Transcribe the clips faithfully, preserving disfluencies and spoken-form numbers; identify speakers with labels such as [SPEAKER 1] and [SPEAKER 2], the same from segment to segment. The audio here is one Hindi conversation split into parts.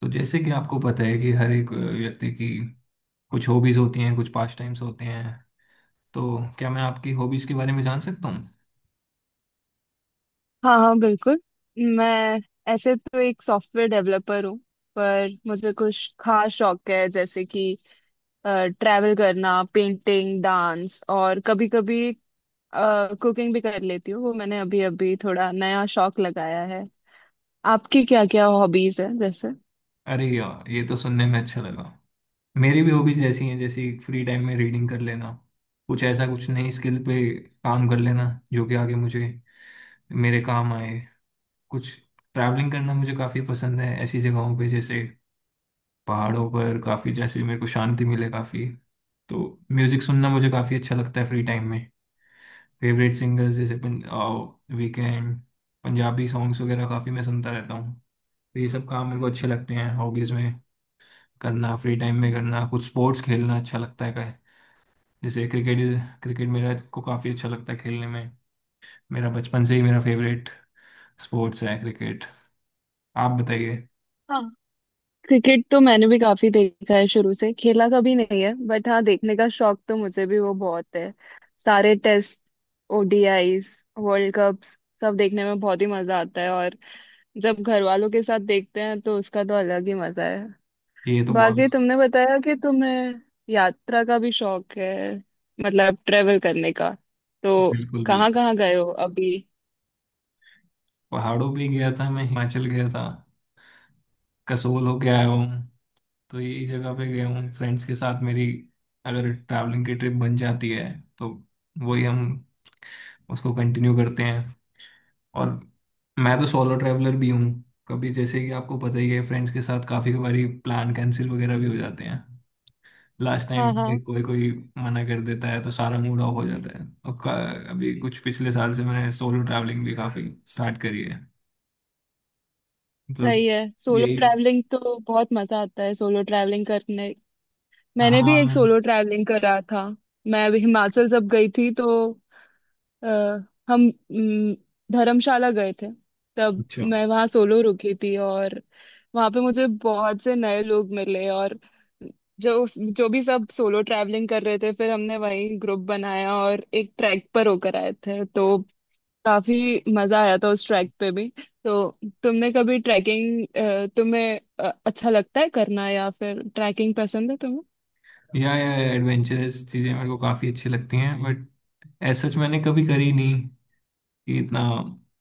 [SPEAKER 1] तो जैसे कि आपको पता है कि हर एक अ, व्यक्ति की कुछ हॉबीज होती हैं, कुछ पास टाइम्स होते हैं। तो क्या मैं आपकी हॉबीज के बारे में जान सकता हूँ?
[SPEAKER 2] हाँ हाँ, बिल्कुल। मैं ऐसे तो एक सॉफ्टवेयर डेवलपर हूँ, पर मुझे कुछ खास शौक है जैसे कि ट्रैवल करना, पेंटिंग, डांस और कभी कभी कुकिंग भी कर लेती हूँ। वो मैंने अभी अभी थोड़ा नया शौक लगाया है। आपकी क्या क्या हॉबीज है जैसे?
[SPEAKER 1] अरे यार, ये तो सुनने में अच्छा लगा। मेरी भी हॉबीज ऐसी हैं, जैसे फ्री टाइम में रीडिंग कर लेना, कुछ ऐसा कुछ नई स्किल पे काम कर लेना जो कि आगे मुझे मेरे काम आए। कुछ ट्रैवलिंग करना मुझे काफ़ी पसंद है, ऐसी जगहों पे जैसे पहाड़ों पर काफ़ी, जैसे मेरे को शांति मिले काफ़ी। तो म्यूज़िक सुनना मुझे काफ़ी अच्छा लगता है फ्री टाइम में। फेवरेट सिंगर्स जैसे पन, वीकेंड, पंजाबी सॉन्ग्स वगैरह काफ़ी मैं सुनता रहता हूँ। तो ये सब काम मेरे को अच्छे लगते हैं हॉबीज़ में करना। फ्री टाइम में करना कुछ स्पोर्ट्स खेलना अच्छा लगता है का, जैसे क्रिकेट। क्रिकेट मेरा को काफ़ी अच्छा लगता है खेलने में। मेरा बचपन से ही मेरा फेवरेट स्पोर्ट्स है क्रिकेट। आप बताइए।
[SPEAKER 2] क्रिकेट तो मैंने भी काफी देखा है, शुरू से खेला कभी नहीं है, बट हाँ देखने का शौक तो मुझे भी वो बहुत है। सारे टेस्ट, ओ डी आई स, वर्ल्ड कप्स सब देखने में बहुत ही मजा आता है और जब घर वालों के साथ देखते हैं तो उसका तो अलग ही मजा है।
[SPEAKER 1] ये तो बहुत
[SPEAKER 2] बाकी तुमने बताया कि तुम्हें यात्रा का भी शौक है, मतलब ट्रेवल करने का, तो
[SPEAKER 1] बिल्कुल
[SPEAKER 2] कहाँ
[SPEAKER 1] बिल्कुल
[SPEAKER 2] कहाँ गए हो अभी?
[SPEAKER 1] पहाड़ों भी गया था, मैं हिमाचल गया था, कसोल होके आया हूँ। तो यही जगह पे गया हूँ फ्रेंड्स के साथ मेरी। अगर ट्रैवलिंग की ट्रिप बन जाती है तो वही हम उसको कंटिन्यू करते हैं। और मैं तो सोलो ट्रैवलर भी हूँ। कभी, जैसे कि आपको पता ही है, फ्रेंड्स के साथ काफ़ी बारी प्लान कैंसिल वगैरह भी हो जाते हैं। लास्ट टाइम
[SPEAKER 2] हाँ
[SPEAKER 1] पे
[SPEAKER 2] हाँ।
[SPEAKER 1] कोई कोई मना कर देता है, तो सारा मूड ऑफ हो जाता है। और का- अभी कुछ पिछले साल से मैंने सोलो ट्रैवलिंग भी काफ़ी स्टार्ट करी है। तो
[SPEAKER 2] सही है, सोलो
[SPEAKER 1] यही स-
[SPEAKER 2] ट्रैवलिंग तो बहुत मजा आता है सोलो ट्रैवलिंग करने। मैंने भी एक
[SPEAKER 1] हाँ।
[SPEAKER 2] सोलो ट्रैवलिंग करा था। मैं अभी हिमाचल जब गई थी तो आ, हम हम्म, धर्मशाला गए थे तब।
[SPEAKER 1] अच्छा।
[SPEAKER 2] मैं वहाँ सोलो रुकी थी और वहाँ पे मुझे बहुत से नए लोग मिले और जो जो भी सब सोलो ट्रैवलिंग कर रहे थे, फिर हमने वहीं ग्रुप बनाया और एक ट्रैक पर होकर आए थे तो काफी मजा आया था उस ट्रैक पे भी। तो तुमने कभी ट्रैकिंग, तुम्हें अ, अच्छा लगता है करना, या फिर ट्रैकिंग पसंद है
[SPEAKER 1] या या एडवेंचरस चीज़ें मेरे को काफ़ी अच्छी लगती हैं, बट ऐसा सच मैंने कभी करी नहीं कि इतना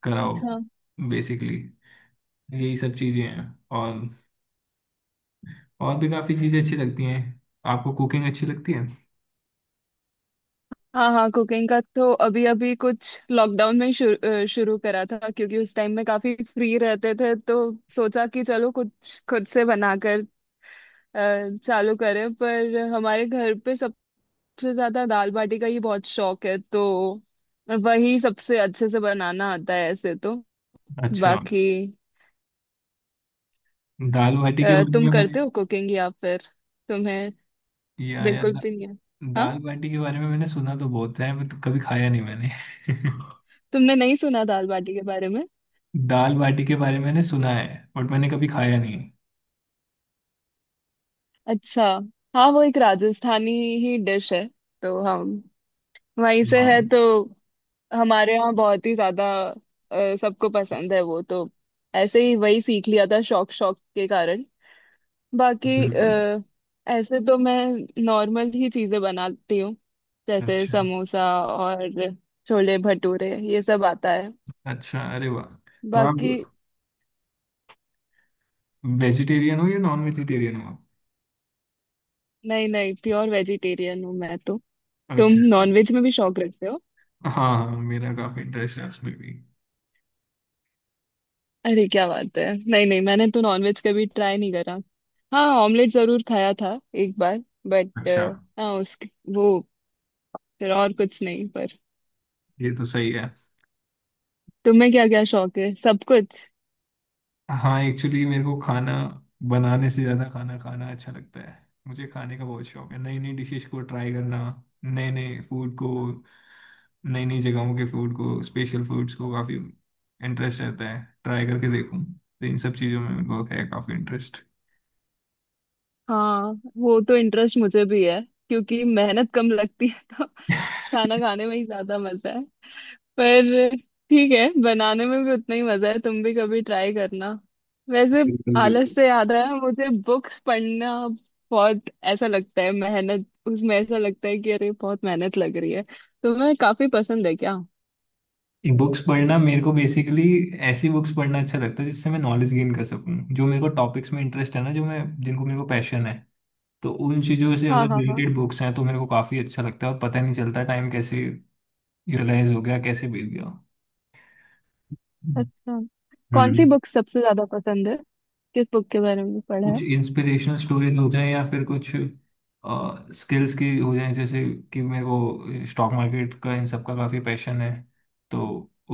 [SPEAKER 1] कराओ।
[SPEAKER 2] तुम्हें?
[SPEAKER 1] बेसिकली यही सब चीजें हैं। और और भी काफी चीजें अच्छी लगती हैं। आपको कुकिंग अच्छी लगती है?
[SPEAKER 2] हाँ हाँ, कुकिंग का तो अभी अभी कुछ लॉकडाउन में ही शुरू अ, शुरू करा था, क्योंकि उस टाइम में काफी फ्री रहते थे तो सोचा कि चलो कुछ खुद से बनाकर अ, चालू करें। पर हमारे घर पे सबसे ज्यादा दाल बाटी का ही बहुत शौक है तो वही सबसे अच्छे से बनाना आता है ऐसे तो।
[SPEAKER 1] अच्छा।
[SPEAKER 2] बाकी
[SPEAKER 1] दाल बाटी के
[SPEAKER 2] अ,
[SPEAKER 1] बारे
[SPEAKER 2] तुम
[SPEAKER 1] में मैंने
[SPEAKER 2] करते हो कुकिंग या फिर तुम्हें
[SPEAKER 1] ये आया
[SPEAKER 2] बिल्कुल
[SPEAKER 1] दा,
[SPEAKER 2] भी नहीं है? हाँ,
[SPEAKER 1] दाल बाटी के बारे में मैंने सुना तो बहुत है, बट कभी खाया नहीं मैंने।
[SPEAKER 2] तुमने नहीं सुना दाल बाटी के बारे में?
[SPEAKER 1] दाल बाटी के बारे में मैंने सुना है, बट मैंने कभी खाया नहीं।
[SPEAKER 2] अच्छा। हाँ वो एक राजस्थानी ही डिश है तो हम वहीं से
[SPEAKER 1] हाँ।
[SPEAKER 2] है तो हमारे यहाँ बहुत ही ज्यादा अ, सबको पसंद है वो तो। ऐसे ही वही सीख लिया था शौक शौक के कारण। बाकी
[SPEAKER 1] बिल्कुल।
[SPEAKER 2] अ, ऐसे तो मैं नॉर्मल ही चीजें बनाती हूँ जैसे
[SPEAKER 1] अच्छा
[SPEAKER 2] समोसा और छोले भटूरे, ये सब आता है।
[SPEAKER 1] अच्छा। अरे वाह। तो आप
[SPEAKER 2] बाकी
[SPEAKER 1] वेजिटेरियन हो या नॉन वेजिटेरियन हो आप?
[SPEAKER 2] नहीं नहीं, प्योर वेजिटेरियन हूँ मैं तो। तुम
[SPEAKER 1] अच्छा अच्छा।
[SPEAKER 2] नॉनवेज में भी शौक रखते हो?
[SPEAKER 1] हाँ हाँ, मेरा काफी इंटरेस्ट है उसमें भी।
[SPEAKER 2] अरे क्या बात है! नहीं नहीं, मैंने तो नॉनवेज कभी ट्राई नहीं करा। हाँ, ऑमलेट जरूर खाया था एक बार, बट
[SPEAKER 1] अच्छा।
[SPEAKER 2] हाँ उसके वो फिर और कुछ नहीं, पर।
[SPEAKER 1] ये तो सही है।
[SPEAKER 2] तुम्हें क्या क्या शौक है, सब कुछ?
[SPEAKER 1] हाँ, एक्चुअली मेरे को खाना बनाने से ज्यादा खाना खाना अच्छा लगता है। मुझे खाने का बहुत शौक है। नई नई डिशेस को ट्राई करना, नए नए फूड को, नई नई जगहों के फूड को, स्पेशल फूड्स को काफी इंटरेस्ट रहता है ट्राई करके देखूं। तो इन सब चीजों में मेरे को है काफी इंटरेस्ट।
[SPEAKER 2] हाँ वो तो इंटरेस्ट मुझे भी है, क्योंकि मेहनत कम लगती है तो खाना खाने में ही ज्यादा मजा है। पर ठीक है, बनाने में भी उतना ही मजा है, तुम भी कभी ट्राई करना वैसे।
[SPEAKER 1] बिल्कुल
[SPEAKER 2] आलस
[SPEAKER 1] बिल्कुल।
[SPEAKER 2] से याद आया, मुझे बुक्स पढ़ना बहुत ऐसा लगता है मेहनत, उसमें ऐसा लगता है कि अरे बहुत मेहनत लग रही है। तुम्हें काफी पसंद है क्या?
[SPEAKER 1] बुक्स पढ़ना मेरे को बेसिकली ऐसी बुक्स पढ़ना अच्छा लगता है जिससे मैं नॉलेज गेन कर सकूं, जो मेरे को टॉपिक्स में इंटरेस्ट है ना, जो मैं जिनको मेरे को पैशन है। तो उन चीज़ों से
[SPEAKER 2] हाँ
[SPEAKER 1] अगर
[SPEAKER 2] हाँ हाँ।
[SPEAKER 1] रिलेटेड बुक्स हैं तो मेरे को काफ़ी अच्छा लगता है, और पता नहीं चलता टाइम कैसे यूटिलाइज हो गया, कैसे बीत गया।
[SPEAKER 2] अच्छा। कौन सी
[SPEAKER 1] हम्म।
[SPEAKER 2] बुक सबसे ज्यादा पसंद है, किस बुक के बारे में पढ़ा है?
[SPEAKER 1] कुछ इंस्पिरेशनल स्टोरीज हो जाए, या फिर कुछ स्किल्स की हो जाए। जैसे कि मेरे को स्टॉक मार्केट का इन सब का काफ़ी पैशन है, तो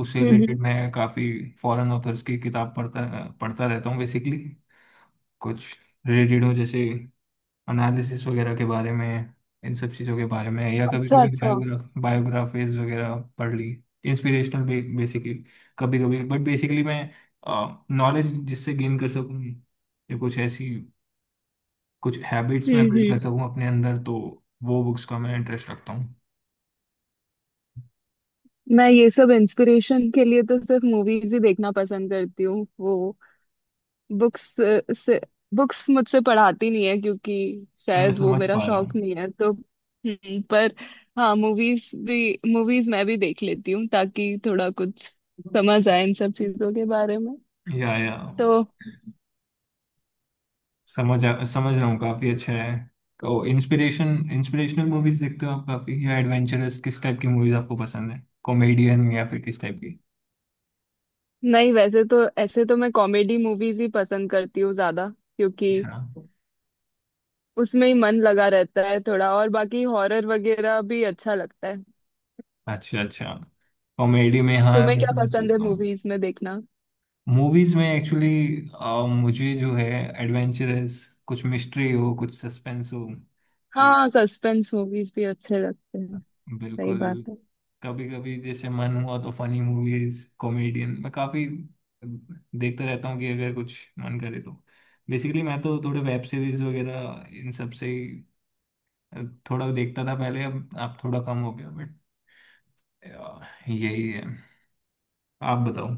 [SPEAKER 1] उससे
[SPEAKER 2] हम्म हम्म।
[SPEAKER 1] रिलेटेड मैं काफ़ी फॉरेन ऑथर्स की किताब पढ़ता पढ़ता रहता हूँ बेसिकली। कुछ रिलेटेड हो, जैसे एनालिसिस वगैरह के बारे में, इन सब चीज़ों के बारे में। या कभी
[SPEAKER 2] अच्छा
[SPEAKER 1] कभी
[SPEAKER 2] अच्छा।
[SPEAKER 1] बायोग्राफ बायोग्राफीज वगैरह पढ़ ली, इंस्पिरेशनल बेसिकली, कभी कभी। बट बेसिकली मैं नॉलेज जिससे गेन कर सकूँ, या कुछ ऐसी कुछ हैबिट्स मैं
[SPEAKER 2] हम्म
[SPEAKER 1] बिल्ड कर
[SPEAKER 2] हम्म।
[SPEAKER 1] सकूँ अपने अंदर, तो वो बुक्स का मैं इंटरेस्ट रखता हूँ।
[SPEAKER 2] मैं ये सब इंस्पिरेशन के लिए तो सिर्फ मूवीज ही देखना पसंद करती हूँ, वो बुक्स से बुक्स मुझसे पढ़ाती नहीं है, क्योंकि
[SPEAKER 1] मैं
[SPEAKER 2] शायद वो
[SPEAKER 1] समझ
[SPEAKER 2] मेरा
[SPEAKER 1] पा रहा
[SPEAKER 2] शौक
[SPEAKER 1] हूँ।
[SPEAKER 2] नहीं है तो हम्म, पर हाँ मूवीज भी मूवीज मैं भी देख लेती हूँ, ताकि थोड़ा कुछ समझ आए इन सब चीजों के बारे में
[SPEAKER 1] या या
[SPEAKER 2] तो।
[SPEAKER 1] समझ आ- समझ रहा हूँ, काफ़ी अच्छा है। तो इंस्पिरेशन इंस्पिरेशनल मूवीज देखते हो आप काफ़ी, या एडवेंचरस किस टाइप की मूवीज आपको पसंद है, कॉमेडियन या फिर किस टाइप की?
[SPEAKER 2] नहीं, वैसे तो ऐसे तो मैं कॉमेडी मूवीज ही पसंद करती हूँ ज्यादा, क्योंकि
[SPEAKER 1] हाँ।
[SPEAKER 2] उसमें ही मन लगा रहता है थोड़ा और बाकी हॉरर वगैरह भी अच्छा लगता है।
[SPEAKER 1] अच्छा अच्छा। कॉमेडी में हाँ,
[SPEAKER 2] तुम्हें
[SPEAKER 1] मैं
[SPEAKER 2] क्या
[SPEAKER 1] समझ
[SPEAKER 2] पसंद है
[SPEAKER 1] सकता हूँ।
[SPEAKER 2] मूवीज में देखना?
[SPEAKER 1] मूवीज में एक्चुअली मुझे जो है एडवेंचरस, कुछ मिस्ट्री हो, कुछ सस्पेंस हो, तो
[SPEAKER 2] हाँ, सस्पेंस मूवीज भी अच्छे लगते हैं। सही
[SPEAKER 1] बिल्कुल।
[SPEAKER 2] बात है।
[SPEAKER 1] कभी कभी जैसे मन हुआ तो फनी मूवीज, कॉमेडियन मैं काफी देखता रहता हूँ, कि अगर कुछ मन करे तो। बेसिकली मैं तो थोड़े वेब सीरीज वगैरह इन सब से ही थोड़ा देखता था पहले, अब आप थोड़ा कम हो गया, बट यही है। आप बताओ।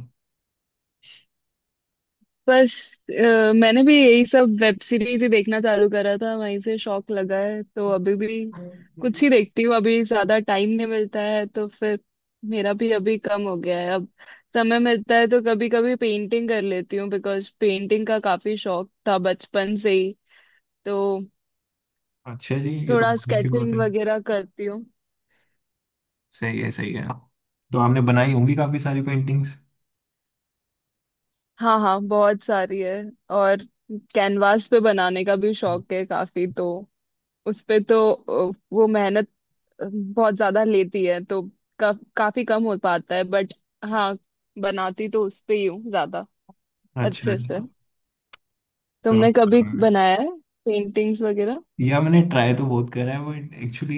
[SPEAKER 2] बस अ, मैंने भी यही सब वेब सीरीज ही देखना चालू करा था वहीं से शौक लगा है तो अभी भी कुछ ही देखती हूँ, अभी ज्यादा टाइम नहीं मिलता है तो फिर मेरा भी अभी कम हो गया है। अब समय मिलता है तो कभी कभी पेंटिंग कर लेती हूँ, बिकॉज पेंटिंग का काफी शौक था बचपन से ही तो
[SPEAKER 1] अच्छा जी, ये तो
[SPEAKER 2] थोड़ा
[SPEAKER 1] बहुत अच्छी बात
[SPEAKER 2] स्केचिंग
[SPEAKER 1] है।
[SPEAKER 2] वगैरह करती हूँ।
[SPEAKER 1] सही है सही है। तो आपने बनाई होंगी काफी सारी पेंटिंग्स।
[SPEAKER 2] हाँ हाँ, बहुत सारी है। और कैनवास पे बनाने का भी शौक है काफी तो उस पे तो अ, वो मेहनत बहुत ज्यादा लेती है तो का, काफी कम हो पाता है, बट हाँ बनाती तो उस पे ही हूँ ज्यादा
[SPEAKER 1] अच्छा
[SPEAKER 2] अच्छे से।
[SPEAKER 1] अच्छा। समझ
[SPEAKER 2] तुमने
[SPEAKER 1] पा
[SPEAKER 2] कभी
[SPEAKER 1] रहा हूँ।
[SPEAKER 2] बनाया है पेंटिंग्स वगैरह?
[SPEAKER 1] या मैंने ट्राई तो बहुत करा है, बट एक्चुअली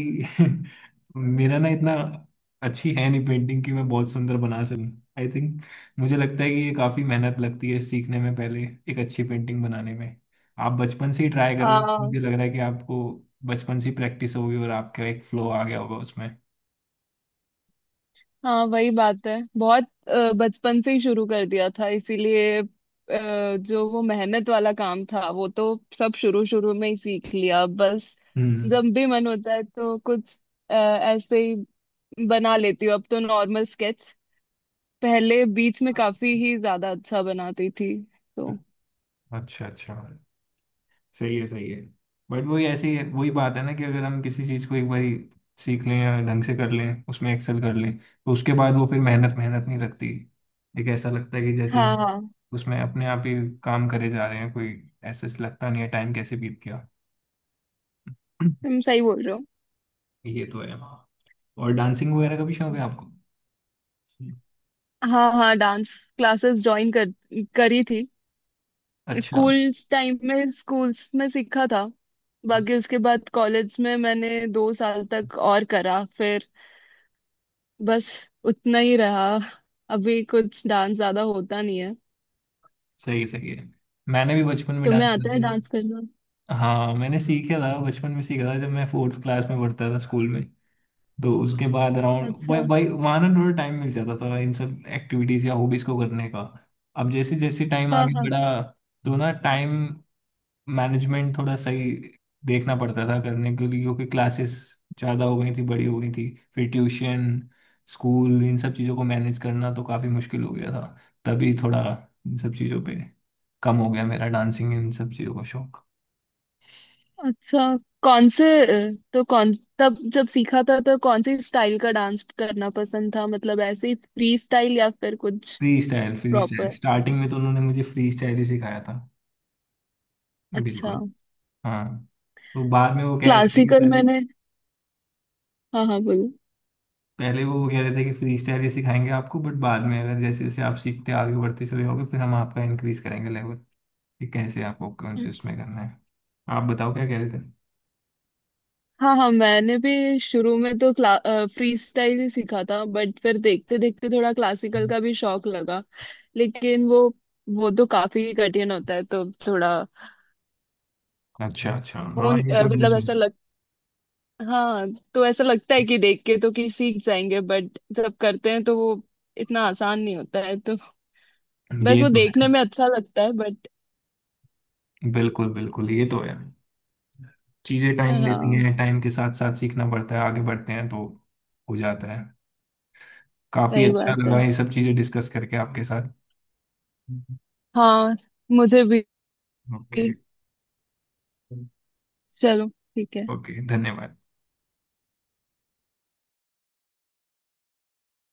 [SPEAKER 1] मेरा ना इतना अच्छी है नहीं पेंटिंग कि मैं बहुत सुंदर बना सकूं। आई थिंक, मुझे लगता है कि ये काफी मेहनत लगती है सीखने में पहले, एक अच्छी पेंटिंग बनाने में। आप बचपन से ही ट्राई कर रहे हो,
[SPEAKER 2] हाँ
[SPEAKER 1] मुझे लग रहा है कि आपको बचपन से प्रैक्टिस होगी और आपका एक फ्लो आ गया होगा उसमें।
[SPEAKER 2] हाँ, वही बात है, बहुत अ, बचपन से ही शुरू कर दिया था इसीलिए अ, जो वो मेहनत वाला काम था वो तो सब शुरू शुरू में ही सीख लिया बस।
[SPEAKER 1] हम्म।
[SPEAKER 2] जब भी मन होता है तो कुछ अ, ऐसे ही बना लेती हूँ अब तो नॉर्मल स्केच। पहले बीच में काफी ही ज्यादा अच्छा बनाती थी तो।
[SPEAKER 1] अच्छा अच्छा। सही है सही है। बट वही ऐसे ही है, वही बात है ना कि अगर हम किसी चीज़ को एक बार सीख लें या ढंग से कर लें, उसमें एक्सेल कर लें, तो उसके बाद वो फिर मेहनत मेहनत नहीं लगती। एक ऐसा लगता है कि जैसे
[SPEAKER 2] हाँ
[SPEAKER 1] हम
[SPEAKER 2] हाँ,
[SPEAKER 1] उसमें अपने आप ही काम करे जा रहे हैं, कोई ऐसे से लगता नहीं है, टाइम कैसे बीत गया।
[SPEAKER 2] तुम सही बोल रहे
[SPEAKER 1] ये तो है। और डांसिंग वगैरह का भी शौक
[SPEAKER 2] हो।
[SPEAKER 1] है आपको?
[SPEAKER 2] हाँ हाँ, डांस क्लासेस ज्वाइन कर करी थी।
[SPEAKER 1] अच्छा।
[SPEAKER 2] स्कूल टाइम में स्कूल्स में सीखा था। बाकी उसके बाद कॉलेज में मैंने दो साल तक और करा, फिर बस, उतना ही रहा। अभी कुछ डांस ज्यादा होता नहीं है।
[SPEAKER 1] सही है सही है। मैंने भी बचपन में
[SPEAKER 2] तुम्हें
[SPEAKER 1] डांस
[SPEAKER 2] आता है
[SPEAKER 1] करती।
[SPEAKER 2] डांस करना?
[SPEAKER 1] हाँ, मैंने सीखा था, बचपन में सीखा था, जब मैं फोर्थ क्लास में पढ़ता था स्कूल में। तो उसके बाद अराउंड भाई
[SPEAKER 2] अच्छा।
[SPEAKER 1] भाई वहाँ ना थोड़ा टाइम मिल जाता था इन सब एक्टिविटीज या हॉबीज को करने का। अब जैसे जैसे टाइम
[SPEAKER 2] हाँ
[SPEAKER 1] आगे
[SPEAKER 2] हाँ।
[SPEAKER 1] बढ़ा, तो ना टाइम मैनेजमेंट थोड़ा सही देखना पड़ता था करने के लिए, क्योंकि क्लासेस ज़्यादा हो गई थी, बड़ी हो गई थी। फिर ट्यूशन, स्कूल, इन सब चीज़ों को मैनेज करना तो काफ़ी मुश्किल हो गया था। तभी थोड़ा इन सब चीज़ों पे कम हो गया मेरा डांसिंग इन सब चीज़ों का शौक।
[SPEAKER 2] अच्छा, कौन से तो कौन तब जब सीखा था तो कौन सी स्टाइल का डांस करना पसंद था, मतलब ऐसे ही फ्री स्टाइल या फिर कुछ
[SPEAKER 1] free style free style
[SPEAKER 2] proper?
[SPEAKER 1] Starting में तो उन्होंने मुझे फ्री स्टाइल ही सिखाया था।
[SPEAKER 2] अच्छा।
[SPEAKER 1] बिल्कुल। हाँ। तो बाद में वो कह रहे थे कि
[SPEAKER 2] क्लासिकल
[SPEAKER 1] पहले,
[SPEAKER 2] मैंने। हाँ हाँ, बोलो।
[SPEAKER 1] पहले वो कह रहे थे कि फ्री स्टाइल ही सिखाएंगे आपको, बट बाद में अगर जैसे जैसे आप सीखते आगे बढ़ते चले जाओगे, फिर हम आपका इंक्रीज करेंगे लेवल, कि कैसे आपको कौन से उसमें करना है। आप बताओ क्या कह रहे थे।
[SPEAKER 2] हाँ हाँ, मैंने भी शुरू में तो क्ला फ्री स्टाइल ही सीखा था, बट फिर देखते देखते थोड़ा क्लासिकल का भी शौक लगा, लेकिन वो वो तो काफी कठिन होता है तो थोड़ा
[SPEAKER 1] अच्छा अच्छा,
[SPEAKER 2] वो,
[SPEAKER 1] हाँ ये तो मैंने
[SPEAKER 2] मतलब ऐसा
[SPEAKER 1] सुना।
[SPEAKER 2] लगता, हाँ। तो ऐसा लगता है कि देख के तो कि सीख जाएंगे, बट जब करते हैं तो वो इतना आसान नहीं होता है तो बस
[SPEAKER 1] ये
[SPEAKER 2] वो
[SPEAKER 1] तो
[SPEAKER 2] देखने
[SPEAKER 1] है,
[SPEAKER 2] में अच्छा लगता है बट।
[SPEAKER 1] बिल्कुल बिल्कुल, ये तो है। चीज़ें टाइम लेती
[SPEAKER 2] हाँ
[SPEAKER 1] हैं, टाइम के साथ साथ सीखना पड़ता है, आगे बढ़ते हैं तो हो जाता है। काफ़ी
[SPEAKER 2] सही
[SPEAKER 1] अच्छा
[SPEAKER 2] बात
[SPEAKER 1] लगा
[SPEAKER 2] है।
[SPEAKER 1] ये सब चीज़ें डिस्कस करके आपके साथ।
[SPEAKER 2] हाँ मुझे भी।
[SPEAKER 1] ओके।
[SPEAKER 2] चलो, ठीक है।
[SPEAKER 1] ओके, धन्यवाद।